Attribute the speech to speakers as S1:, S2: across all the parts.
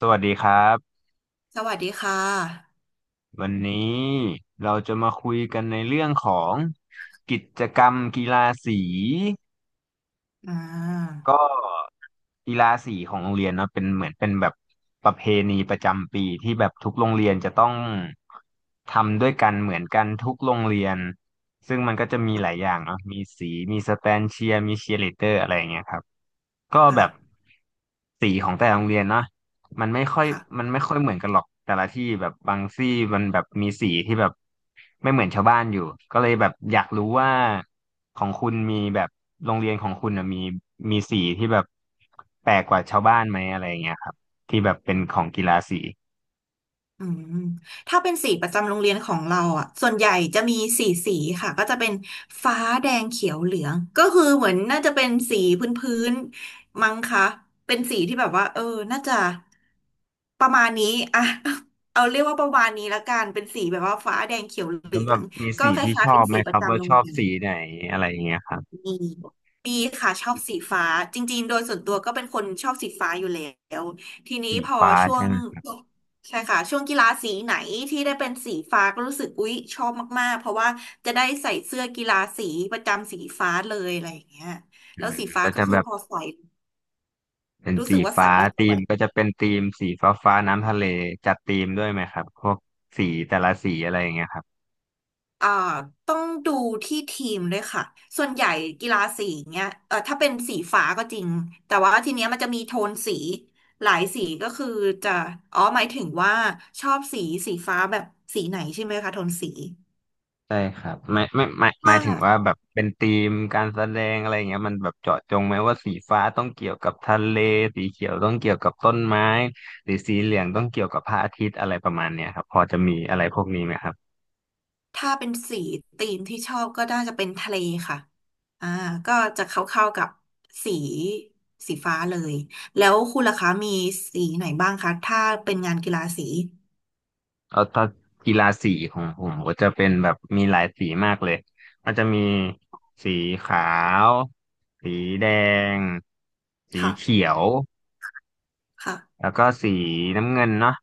S1: สวัสดีครับ
S2: สวัสดีค่ะ
S1: วันนี้เราจะมาคุยกันในเรื่องของกิจกรรมกีฬาสี
S2: อ่า
S1: ก็กีฬาสีของโรงเรียนเนอะเป็นเหมือนเป็นแบบประเพณีประจำปีที่แบบทุกโรงเรียนจะต้องทำด้วยกันเหมือนกันทุกโรงเรียนซึ่งมันก็จะมีหลายอย่างเนาะมีสีมีสแตนเชียร์มีเชียร์ลีดเดอร์อะไรอย่างเงี้ยครับ ก็แบ
S2: ค่ะ
S1: บสีของแต่ละโรงเรียนนะมันไม่ค่อย
S2: ค่ะ
S1: มันไม่ค่อยเหมือนกันหรอกแต่ละที่แบบบางที่มันแบบมีสีที่แบบไม่เหมือนชาวบ้านอยู่ก็เลยแบบอยากรู้ว่าของคุณมีแบบโรงเรียนของคุณน่ะมีสีที่แบบแปลกกว่าชาวบ้านไหมอะไรอย่างเงี้ยครับที่แบบเป็นของกีฬาสี
S2: อืมถ้าเป็นสีประจำโรงเรียนของเราอ่ะส่วนใหญ่จะมีสี่สีค่ะ ก็จะเป็นฟ้าแดงเขียวเหลือง ก็คือเหมือนน่าจะเป็นสีพื้นมั้งคะเป็นสีที่แบบว่าน่าจะประมาณนี้อ่ะ เอาเรียกว่าประมาณนี้ละกันเป็นสีแบบว่าฟ้าแดงเขียวเหลื
S1: แล้วแบ
S2: อ
S1: บ
S2: ง
S1: มี
S2: ก็
S1: สี
S2: ค
S1: ที่ช
S2: ล้าย
S1: อ
S2: ๆเป็น
S1: บไหม
S2: สีป
S1: ค
S2: ระ
S1: รับว่า
S2: จำโร
S1: ช
S2: ง
S1: อบ
S2: เรียน
S1: สีไหนอะไรอย่างเงี้ยครับ
S2: มีมีค่ะชอบสีฟ้าจริงๆโดยส่วนตัวก็เป็นคนชอบสีฟ้าอยู่แล้วทีนี้
S1: สี
S2: พอ
S1: ฟ้า
S2: ช่ว
S1: ใช่
S2: ง
S1: ไหม
S2: ใช่ค่ะช่วงกีฬาสีไหนที่ได้เป็นสีฟ้าก็รู้สึกอุ๊ยชอบมากๆเพราะว่าจะได้ใส่เสื้อกีฬาสีประจำสีฟ้าเลยอะไรอย่างเงี้ย
S1: อื
S2: แล้ว
S1: ม
S2: สีฟ้า
S1: ก็
S2: ก็
S1: จะ
S2: คื
S1: แบ
S2: อ
S1: บ
S2: พอใส่
S1: เป็น
S2: รู้
S1: สี
S2: สึกว่าใส่
S1: ฟ้า
S2: แล้วส
S1: ธี
S2: ว
S1: ม
S2: ย
S1: ก็จะเป็นธีมสีฟ้าฟ้าน้ำทะเลจัดธีมด้วยไหมครับพวกสีแต่ละสีอะไรอย่างเงี้ยครับ
S2: อ่าต้องดูที่ทีมด้วยค่ะ ส่วนใหญ่กีฬาสีเนี้ยถ้าเป็นสีฟ้าก็จริง แต่ว่าทีเนี้ยมันจะมีโทนสีหลายสีก็คือจะอ๋อหมายถึงว่าชอบสีฟ้าแบบสีไหนใช่ไหมคะโทนสี
S1: ใช่ครับไม่ไม่ไม่ห
S2: ถ้า
S1: มายถึงว่าแบบเป็นธีมการแสดงอะไรอย่างเงี้ยมันแบบเจาะจงไหมว่าสีฟ้าต้องเกี่ยวกับทะเลสีเขียวต้องเกี่ยวกับต้นไม้หรือสีเหลืองต้องเกี่ยวกับพระอาทิตย์อะไรประมาณเนี้ยครับพอจะมีอะไรพวกนี้ไหมครับ
S2: ถ้าเป็นสีธีมที่ชอบก็น่าจะเป็นทะเลค่ะอ่าก็จะเข้าๆกับสีสีฟ้าเลย แล้วคุณล่ะคะมีสีไหนบ้างคะถ้าเป็นงานกีฬาสี
S1: เอาถ้ากีฬาสีของผมก็จะเป็นแบบมีหลายสีมากเลย มันจะมีสีขาว สีแดง สีเขี
S2: ค่ะ
S1: ยว
S2: ค่ะ
S1: แล้วก็สีน้ำเงินเนาะ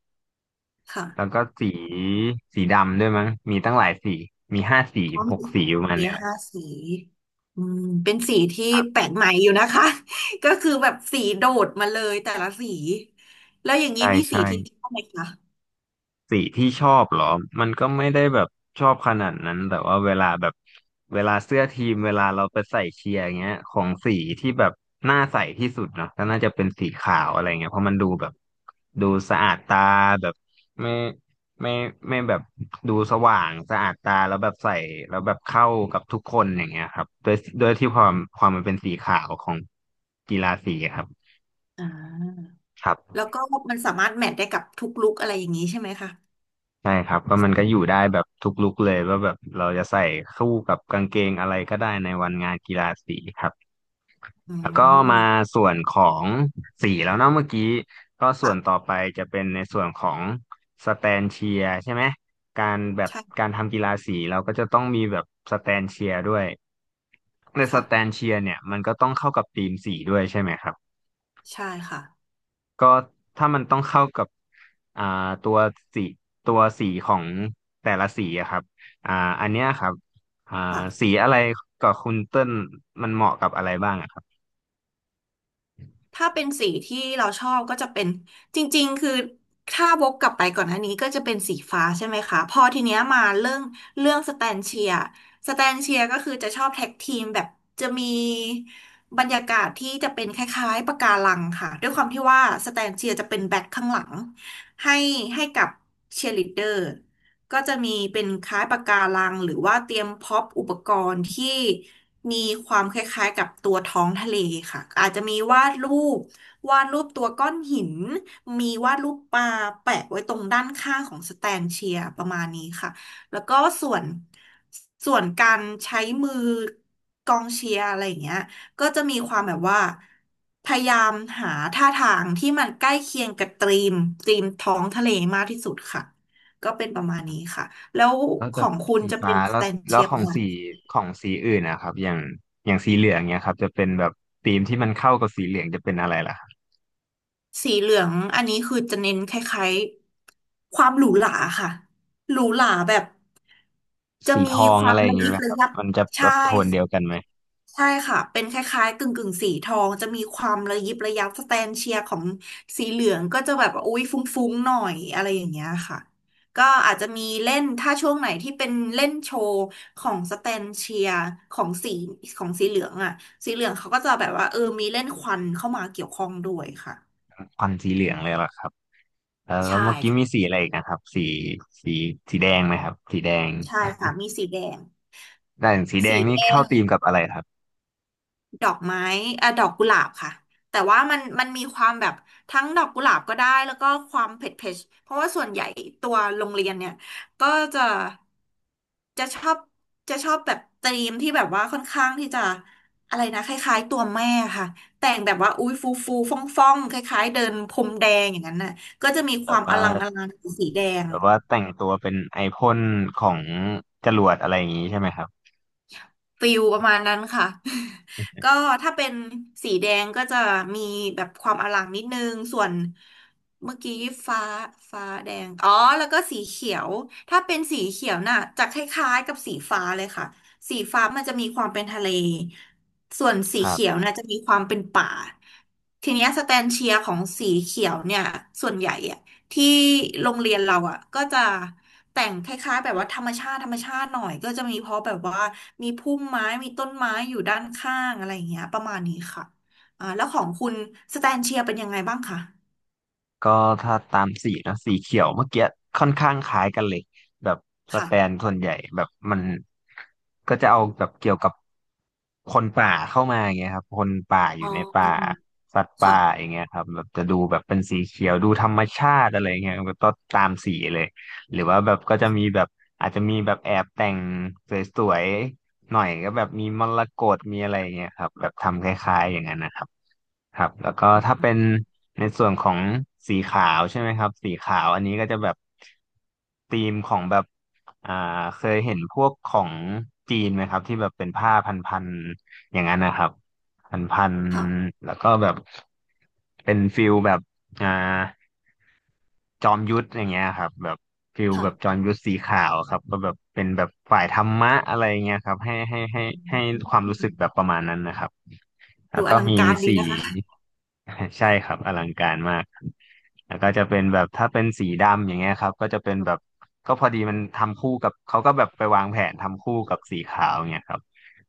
S1: แล้ว
S2: ค่ะ
S1: ก็สีสีดำด้วยมั้งมีตั้งหลายสี มีห้าสี
S2: ก็
S1: หก
S2: มี
S1: สีประมาณ
S2: มี
S1: เนี้ยแหละ
S2: ห้าสีอืมเป็นสีที่
S1: ครั
S2: แปล
S1: บ
S2: กใหม่อยู่นะคะ ก็คือแบบสีโดดมาเลยแต่ละสีแล้วอย่างนี้
S1: ใช่
S2: มีสี
S1: ใช่
S2: ที่ชอบไหมคะ
S1: สีที่ชอบเหรอ มันก็ไม่ได้แบบชอบขนาดนั้น แต่ว่าเวลาแบบเวลาเสื้อทีมเวลาเราไปใส่เชียร์อย่างเงี้ยของสีที่แบบน่าใส่ที่สุดเนาะก็น่าจะเป็นสีขาวอะไรเงี้ยเพราะมันดูแบบดูสะอาดตาแบบไม่ไม่ไม่แบบดูสว่างสะอาดตาแล้วแบบใส่แล้วแบบเข้ากับทุกคนอย่างเงี้ยครับโดยที่ความมันเป็นสีขาวของกีฬาสีครับ
S2: อ่า
S1: ครั
S2: แล้ว
S1: บ
S2: ก็มันสามารถแมทได้กับทุกลุคอะไรอย่างนี้ใช่ไหมคะ
S1: ใช่ครับก็มันก็อยู่ได้แบบทุกลุคเลยว่าแบบเราจะใส่คู่กับกางเกงอะไรก็ได้ในวันงานกีฬาสีครับ
S2: อื
S1: แล้วก็
S2: ม
S1: มาส่วนของสีแล้วเนาะเมื่อกี้ก็ส่วนต่อ
S2: ค่ะ
S1: ไปจะเป็นในส่วนของสแตนเชียร์ใช่ไหมการแบบ
S2: ใช่
S1: การทำกีฬาสีเราก็จะต้องมีแบบสแตนเชียร์ด้วยในสแตน
S2: ค่ะ
S1: เชียร์เนี่ยมันก็ต้องเข้ากับธีมสีด้วยใช่ไหมครับ
S2: ใช่ค่ะ
S1: ก็ถ้ามันต้องเข้ากับอ่าตัวสีตัวสีของแต่ละสีอะครับอ่าอันเนี้ยครับอ่าสี
S2: ค่ะ
S1: อะไรกับคุณเติ้ลมันเหมาะกับอะไรบ้างอะครับ
S2: ถ้าเป็นสีที่เราชอบก็จะเป็นจริงๆคือถ้าวกกลับไปก่อนหน้านี้ก็จะเป็นสีฟ้าใช่ไหมคะพอทีเนี้ยมาเรื่องสแตนเชียสแตนเชียก็คือจะชอบแท็กทีมแบบจะมีบรรยากาศที่จะเป็นคล้ายๆปะการังค่ะด้วยความที่ว่าสแตนเชียจะเป็นแบ็คข้างหลังให้ให้กับเชียร์ลีดเดอร์ ก็จะมีเป็นคล้ายปะการังหรือว่าเตรียมพร็อปอุปกรณ์ที่มีความคล้ายๆกับตัวท้องทะเลค่ะอาจจะมีปวาดรูปตัวก้อนหินมีวาดรูปปลาแปะไว้ตรงด้านข้างของสแตนเชียร์ประมาณนี้ค่ะแล้วก็ส่วนส่วนการใช้มือกองเชียร์อะไรอย่างเงี้ยก็จะมีความแบบว่าพยายามหาท่าทางที่มันใกล้เคียงกับธีมท้องทะเลมากที่สุดค่ะ ก็เป็นประมาณนี้ค่ะ แล้ว
S1: ก็
S2: ข
S1: จะ
S2: องคุณ
S1: สี
S2: จะเป็
S1: ฟ้า
S2: นส
S1: แล้
S2: แต
S1: ว
S2: น
S1: แล้
S2: เชี
S1: ว
S2: ย
S1: ข
S2: ป
S1: อง
S2: ระมาณ
S1: สี
S2: ไหน
S1: ของสีอื่นนะครับอย่างสีเหลืองเนี้ยครับจะเป็นแบบธีมที่มันเข้ากับสีเหลืองจะเป็นอะไรล่ะครับ
S2: สีเหลืองอันนี้คือจะเน้นคล้ายๆความหรูหราค่ะหรูหราแบบจะ
S1: สีท
S2: มี
S1: อง
S2: ควา
S1: อะ
S2: ม
S1: ไรอย่า
S2: ระ
S1: งงี้
S2: ยิ
S1: ไห
S2: บ
S1: มค
S2: ระ
S1: รับ
S2: ยับ
S1: มันจะแบบ
S2: ใช่
S1: โทนเดียวกันไหม
S2: ใช่ค่ะ เป็นคล้ายๆกึ่งกึ่งสีทอง จะมีความระยิบระยับสแตนเชียร์ของสีเหลืองก็จะแบบว่าอุ๊ยฟุ้งๆหน่อยอะไรอย่างเงี้ยค่ะก็อาจจะมีเล่นถ้าช่วงไหนที่เป็นเล่นโชว์ของสแตนเชียร์ของสีของสีเหลืองอ่ะสีเหลืองเขาก็จะแบบว่ามีเล่นควันเข้ามาเกี่ยวข้องด้วยค่ะ
S1: ควันสีเหลือ
S2: อื
S1: งเลย
S2: ม
S1: เหรอครับแล้ว
S2: ใช่
S1: เมื่อกี้มี
S2: ค่ะ
S1: สีอะไรอีกนะครับสีสีแดงไหมครับสีแดง
S2: ใช่ค่ะมีสีแดง
S1: แต่งสีแด
S2: สี
S1: ง
S2: แด
S1: นี่เข้าธีมกับอะไรครับ
S2: ดอกไม้ดอกกุหลาบค่ะแต่ว่ามันมีความแบบทั้งดอกกุหลาบก็ได้แล้วก็ความเผ็ดเผ็ดเพราะว่าส่วนใหญ่ตัวโรงเรียนเนี่ยก็จะจะชอบจะชอบแบบธีมที่แบบว่าค่อนข้างที่จะอะไรนะคล้ายๆตัวแม่ค่ะแต่งแบบว่าอุ้ยฟูฟูฟ่องฟ่องๆคล้ายๆเดินพรมแดงอย่างนั้นน่ะก็จะมีค
S1: แบ
S2: วา
S1: บ
S2: มอ
S1: ว่า
S2: ลังอลังสีแดง
S1: แบบว่าแต่งตัวเป็นไอพ่นของจรวดอะไรอย่างนี้ใช่ไหมครับ
S2: ฟิลประมาณนั้นค่ะ ก็ถ้าเป็นสีแดงก็จะมีแบบความอลังนิดนึงส่วนเมื่อกี้ฟ้าฟ้าแดงอ๋อแล้วก็สีเขียวถ้าเป็นสีเขียวน่ะจะคล้ายๆกับสีฟ้าเลยค่ะสีฟ้ามันจะมีความเป็นทะเลส่วนสี
S1: ครั
S2: เขียว
S1: บ
S2: น่ะจะมีความเป็นป่าทีเนี้ยสแตนเชียร์ของสีเขียวเนี่ยส่วนใหญ่อะ ที่โรงเรียนเราอ่ะก็จะแต่งคล้ายๆแบบว่าธรรมชาติธรรมชาติหน่อยก็จะมีเพราะแบบว่ามีพุ่มไม้มีต้นไม้อยู่ด้านข้างอะไรอย่างเงี้ยประมาณนี้ค่ะแล้วของคุณสแตนเชียร์เป็นยังไงบ้างคะ
S1: ก็ถ้าตามสีนะสีเขียวเมื่อกี้ค่อนข้างคล้ายกันเลยแบบสแตน
S2: ค่ะ
S1: ส่วนใหญ่แบบมันก็จะเอาแบบเกี่ยวกับคนป่าเข้ามาอย่างเงี้ยครับคนป่าอ
S2: อ๋
S1: ยู่
S2: อ
S1: ใน
S2: อื
S1: ป่า
S2: ม
S1: สัตว์
S2: ค่ะ
S1: ป่าอย่างเงี้ยครับแบบจะดูแบบเป็นสีเขียวดูธรรมชาติอะไรเงี้ยก็ตามสีเลยหรือว่าแบบก็จะมีแบบอาจจะมีแบบแอบแต่งสวย หน่อยก็แบบมีมรกตมีอะไรอย่างเงี้ยครับแบบทำคล้ายๆอย่างนั้นนะครับครับแล้วก็ถ้าเป็นในส่วนของสีขาวใช่ไหมครับสีขาวอันนี้ก็จะแบบธีมของแบบอ่าเคยเห็นพวกของจีนไหมครับที่แบบเป็นผ้าพันๆอย่างนั้นนะครับพัน
S2: ค่ะ
S1: ๆแล้วก็แบบเป็นฟิลแบบอ่า จอมยุทธอย่างเงี้ยครับแบบฟิลแบบจ
S2: ค่ะ
S1: อมยุทธสีขาวครับก็แบบเป็นแบบฝ่ายธรรมะอะไรเงี้ยครับให้ให้ให้
S2: อื
S1: ให้ความ
S2: ม
S1: รู้สึกแบบประมาณนั้นนะครับ แล้
S2: ดู
S1: ว
S2: อ
S1: ก็
S2: ลัง
S1: มี
S2: การดี
S1: สี
S2: นะคะ
S1: ใช่ครับอลังการมากแล้วก็จะเป็นแบบถ้าเป็นสีดำอย่างเงี้ยครับก็จะเป็นแบบก็พอดีมันทำคู่กับเขาก็แบบไปวางแผนทำคู่กับสีขาวเงี้ยครับ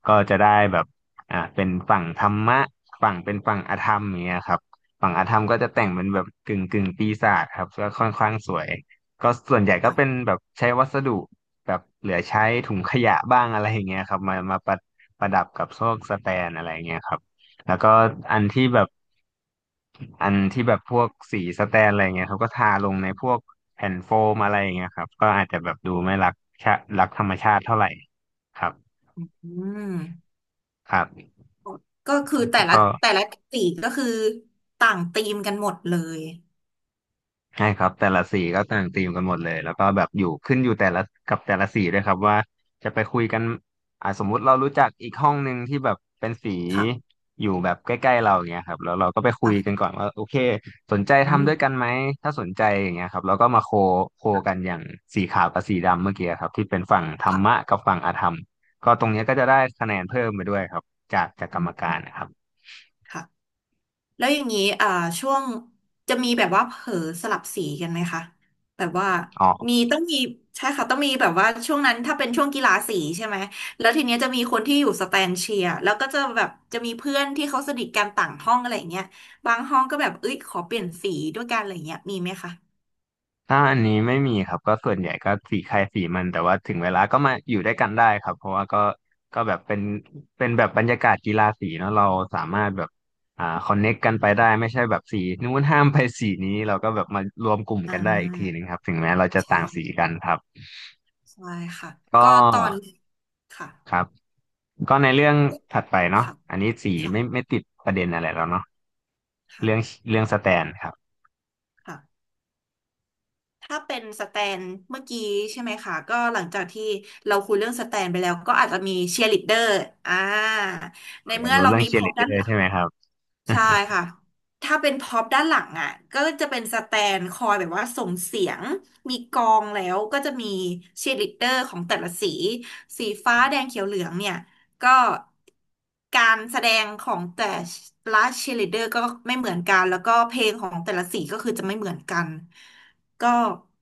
S1: ก็จะได้แบบเป็นฝั่งธรรมะฝั่งเป็นฝั่งอธรรมอย่างเงี้ยครับฝั่งอธรรมก็จะแต่งเป็นแบบกึ่งปีศาจครับก็ค่อนข้างสวยก็ส่วนใหญ่ก็
S2: ค่ะ
S1: เป็นแบบใช้วัสดุแบบเหลือใช้ถุงขยะบ้างอะไรอย่างเงี้ยครับมาประดับกับพวกสแตนอะไรอย่างเงี้ยครับ แล้วก็อันที่แบบอันที่แบบพวกสีสแตนอะไรเงี้ยเขาก็ทาลงในพวกแผ่นโฟมอะไรอย่างเงี้ยครับก็อาจจะแบบดูไม่รักรักธรรมชาติเท่าไหร่ครับ
S2: อืม
S1: ครับ
S2: ก็คือแต่
S1: แล้ว
S2: ละ
S1: ก็
S2: แต่ละสีก็คือต่างธีมกันหมดเลย
S1: ใช่ครับแต่ละสีก็ต่างธีมกันหมดเลยแล้วก็แบบอยู่ขึ้นอยู่แต่ละกับแต่ละสีด้วยครับว่าจะไปคุยกันสมมุติเรารู้จักอีกห้องหนึ่งที่แบบเป็นสี
S2: ค่ะ
S1: อยู่แบบใกล้ๆเราอย่างเงี้ยครับแล้วเราก็ไปคุยกันก่
S2: ค่ะ
S1: อนว่าโอเคสนใจ
S2: อื
S1: ทำด้วยกัน
S2: ม
S1: ไหมถ้าสนใจอย่างเงี้ยครับแล้วก็มาโคกันอย่างสีขาวกับสีดำเมื่อกี้ครับที่เป็นฝั่งธร
S2: ค่ะ
S1: รมะกับฝั่งอธรรมก็ตรงเนี้ยก็จะได้คะแนนเพิ่มไปด้วยครับจากกรรม
S2: อื
S1: กา
S2: ม
S1: รนะครับ
S2: ค่ะ แล้วอย่างนี้ช่วงจะมีแบบว่าเผลอสลับสีกันไหมคะแบบว่า
S1: อ๋อ
S2: มีต้องมีใช่ค่ะต้องมีแบบว่าช่วงนั้นถ้าเป็นช่วงกีฬาสีใช่ไหมแล้วทีเนี้ยจะมีคนที่อยู่สแตนเชียร์แล้วก็จะแบบจะมีเพื่อนที่เขาสนิทกันต่างห้องอะไรอย่างเงี้ยบางห้องก็แบบเอ้ยขอเปลี่ยนสีด้วยกันอะไรอย่างเงี้ยมีไหมคะ
S1: ถ้าอันนี้ไม่มีครับก็ส่วนใหญ่ก็สีใครสีมันแต่ว่าถึงเวลาก็มาอยู่ด้วยกันได้ครับเพราะว่าก็ก็แบบเป็นเป็นแบบบรรยากาศกีฬาสีเนาะเราสามารถแบบคอนเน็กกันไปได้ไม่ใช่แบบสีนู้นห้ามไปสีนี้เราก็แบบมารวมกลุ่ม
S2: อ่า
S1: กันได้อีกทีหนึ่งครับถึงแม้เราจะต่างสี
S2: ใช่
S1: กันครับ
S2: ใช่ค่ะ
S1: ก็
S2: ก็ตอนค่ะ
S1: ครับก็ในเรื่องถัดไปเนาะ
S2: ค่ะ
S1: อันนี้สี
S2: ค่ะ
S1: ไม่ติดประเด็นอะไรแล้วเนาะ
S2: ค
S1: เรื่องเรื่องสแตนครับ
S2: ่ะ ถ้าเป็นสแตนเมื่อกี้ใช่ไหมคะก็หลังจากที่เราคุยเรื่องสแตนไปแล้วก็อาจจะมีเชียร์ลีดเดอร์อ่าใน
S1: อยาก
S2: เมื่อ
S1: รู้
S2: เรา
S1: เรื่อง
S2: มี
S1: เชี
S2: พ
S1: ยร์
S2: ร็อ
S1: ลี
S2: พ
S1: ดเดอ
S2: ด้านห
S1: ร์
S2: ลั
S1: ใช่
S2: ง
S1: ไหมครับ
S2: ใช่ค่ะ ถ้าเป็นพ็อปด้านหลังอ่ะก็จะเป็นสแตนคอยแบบว่าส่งเสียงมีกองแล้วก็จะมีเชียร์ลีดเดอร์ของแต่ละสี สีฟ้าแดงเขียวเหลืองเนี่ย ก็การแสดงของแต่ละเชียร์ลีดเดอร์ก็ไม่เหมือนกัน แล้วก็เพลงของแต่ละสีก็คือจะไม่เหมือนกัน ก็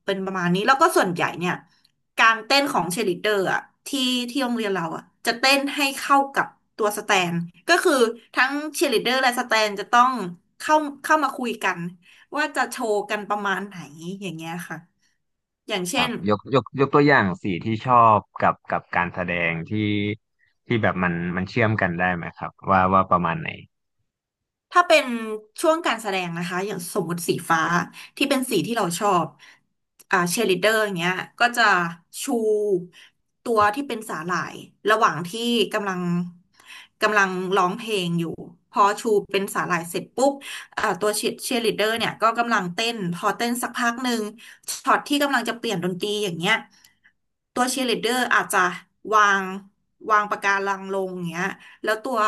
S2: เป็นประมาณนี้ แล้วก็ส่วนใหญ่เนี่ย การเต้นของเชลิดเดอร์อะที่ที่โรงเรียนเราอะจะเต้นให้เข้ากับตัวสแตนก็คือทั้งเชลิดเดอร์และสแตนจะต้องเข้าเข้ามาคุยกันว่าจะโชว์กันประมาณไหนอย่างเงี้ยค่ะอย่าง
S1: ค
S2: เช่
S1: รั
S2: น
S1: บยกตัวอย่างสีที่ชอบกับการแสดงที่แบบมันเชื่อมกันได้ไหมครับว่าประมาณไหน
S2: ถ้าเป็นช่วงการแสดงนะคะอย่างสมมติสีฟ้าที่เป็นสีที่เราชอบเชียร์ลีดเดอร์อย่างเงี้ยก็จะชูตัวที่เป็นสาหร่ายระหว่างที่กำลังกำลังร้องเพลงอยู่พอชูเป็นสาหร่ายเสร็จปุ๊บตัวเชียร์ลีดเดอร์เนี่ยก็กำลังเต้นพอเต้นสักพักหนึ่งช็อตที่กำลังจะเปลี่ยนดนตรีอย่างเงี้ยตัวเชียร์ลีดเดอร์อาจจะวางวางปากการังลงอย่างเงี้ยแล้วตัว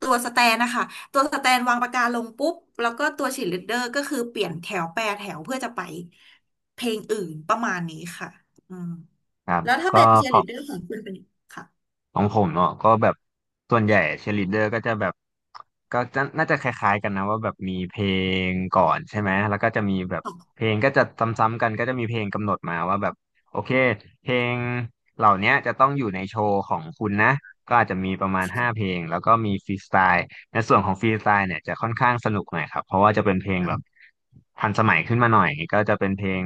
S2: ตัวสแตนนะคะตัวสแตนวางปากกาลงปุ๊บแล้วก็ตัวชียร์ลดเดอร์ก็คือเปลี่ยนแถวแปรแถวเพื่อจะไปเพลงอื่นประมาณนี้ค่ะอืม
S1: ครับ
S2: แล้วถ้าเป็
S1: ก็
S2: นเชียร์
S1: ข
S2: ลี
S1: อ
S2: ดเดอร์ของคุณเป็นค่ะ
S1: ของผมเนาะก็แบบส่วนใหญ่เชียร์ลีดเดอร์ก็จะแบบก็จะน่าจะคล้ายๆกันนะว่าแบบมีเพลงก่อนใช่ไหมแล้วก็จะมีแบบ
S2: ขอ
S1: เพ
S2: ง
S1: ลงก็จะซ้ำๆกันก็จะมีเพลงกำหนดมาว่าแบบโอเคเพลงเหล่าเนี้ยจะต้องอยู่ในโชว์ของคุณนะก็อาจจะมีประมาณห้าเพ
S2: ค่ะ
S1: ลงแล้วก็มีฟรีสไตล์ในส่วนของฟรีสไตล์เนี่ยจะค่อนข้างสนุกหน่อยครับเพราะว่าจะเป็นเพลงแบบทันสมัยขึ้นมาหน่อยก็จะเป็นเพลง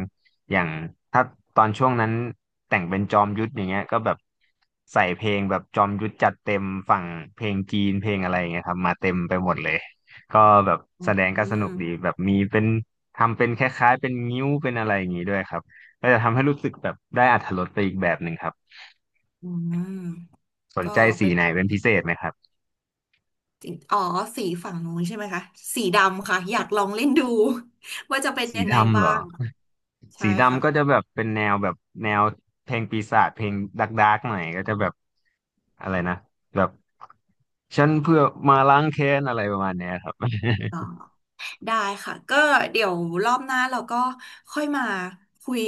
S1: อย่างถ้าตอนช่วงนั้นแต่งเป็นจอมยุทธอย่างเงี้ยก็แบบใส่เพลงแบบจอมยุทธจัดเต็มฝั่งเพลงจีนเพลงอะไรอย่างเงี้ยครับมาเต็มไปหมดเลยก็แบบ
S2: อื
S1: แสดงก็สนุกดี
S2: ม
S1: แบบมีเป็นทำเป็นคล้ายๆเป็นงิ้วเป็นอะไรอย่างงี้ด้วยครับก็จะทำให้รู้สึกแบบได้อรรถรสไปอีกแบบหนึ่งครับ
S2: อืม
S1: สน
S2: ก็
S1: ใจสี
S2: เป็น
S1: ไหน
S2: ของ
S1: เป็นพิเศษไหมครับ
S2: สีอ๋อสีฝั่งนู้นใช่ไหมคะสีดำค่ะอยากลองเล่นดู ว่าจะเป็น
S1: สี
S2: ยังไง
S1: ดำเหร
S2: บ้า
S1: อ
S2: งใช่
S1: สี
S2: ค่
S1: ดำก็จะแบบเป็นแนวแบบแนวเพลงปีศาจเพลงดาร์กหน่อยก็จะแบบ อะไรนะแบบฉันเพื่อมาล้างแค้นอะไรประมาณเนี้ยครับ
S2: ะ ได้ค่ะก็เดี๋ยวรอบหน้าเราก็ค่อยมาคุย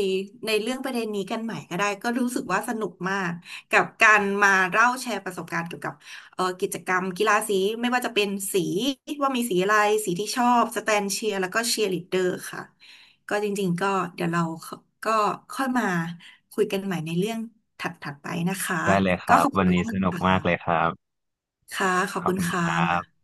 S2: ในเรื่องประเด็นนี้กันใหม่ก็ได้ก็รู้สึกว่าสนุกมากกับการมาเล่าแชร์ประสบการณ์เกี่ยวกับกิจกรรมกีฬาสีไม่ว่าจะเป็นสีว่ามีสีอะไรสีที่ชอบสแตนเชียร์แล้วก็เชียร์ลีดเดอร์ค่ะก็จริงๆก็เดี๋ยวเราก็ค่อยมาคุยกันใหม่ในเรื่องถัดๆไปนะคะ
S1: ได้เลยค
S2: ก็
S1: รั
S2: ข
S1: บ
S2: อบ
S1: วั
S2: คุ
S1: น
S2: ณ
S1: นี้ส
S2: มาก
S1: นุก
S2: ค่ะ
S1: มากเลยครับ
S2: ค่ะขอ
S1: ข
S2: บ
S1: อบ
S2: คุณ
S1: คุณค
S2: ค่ะ
S1: รับ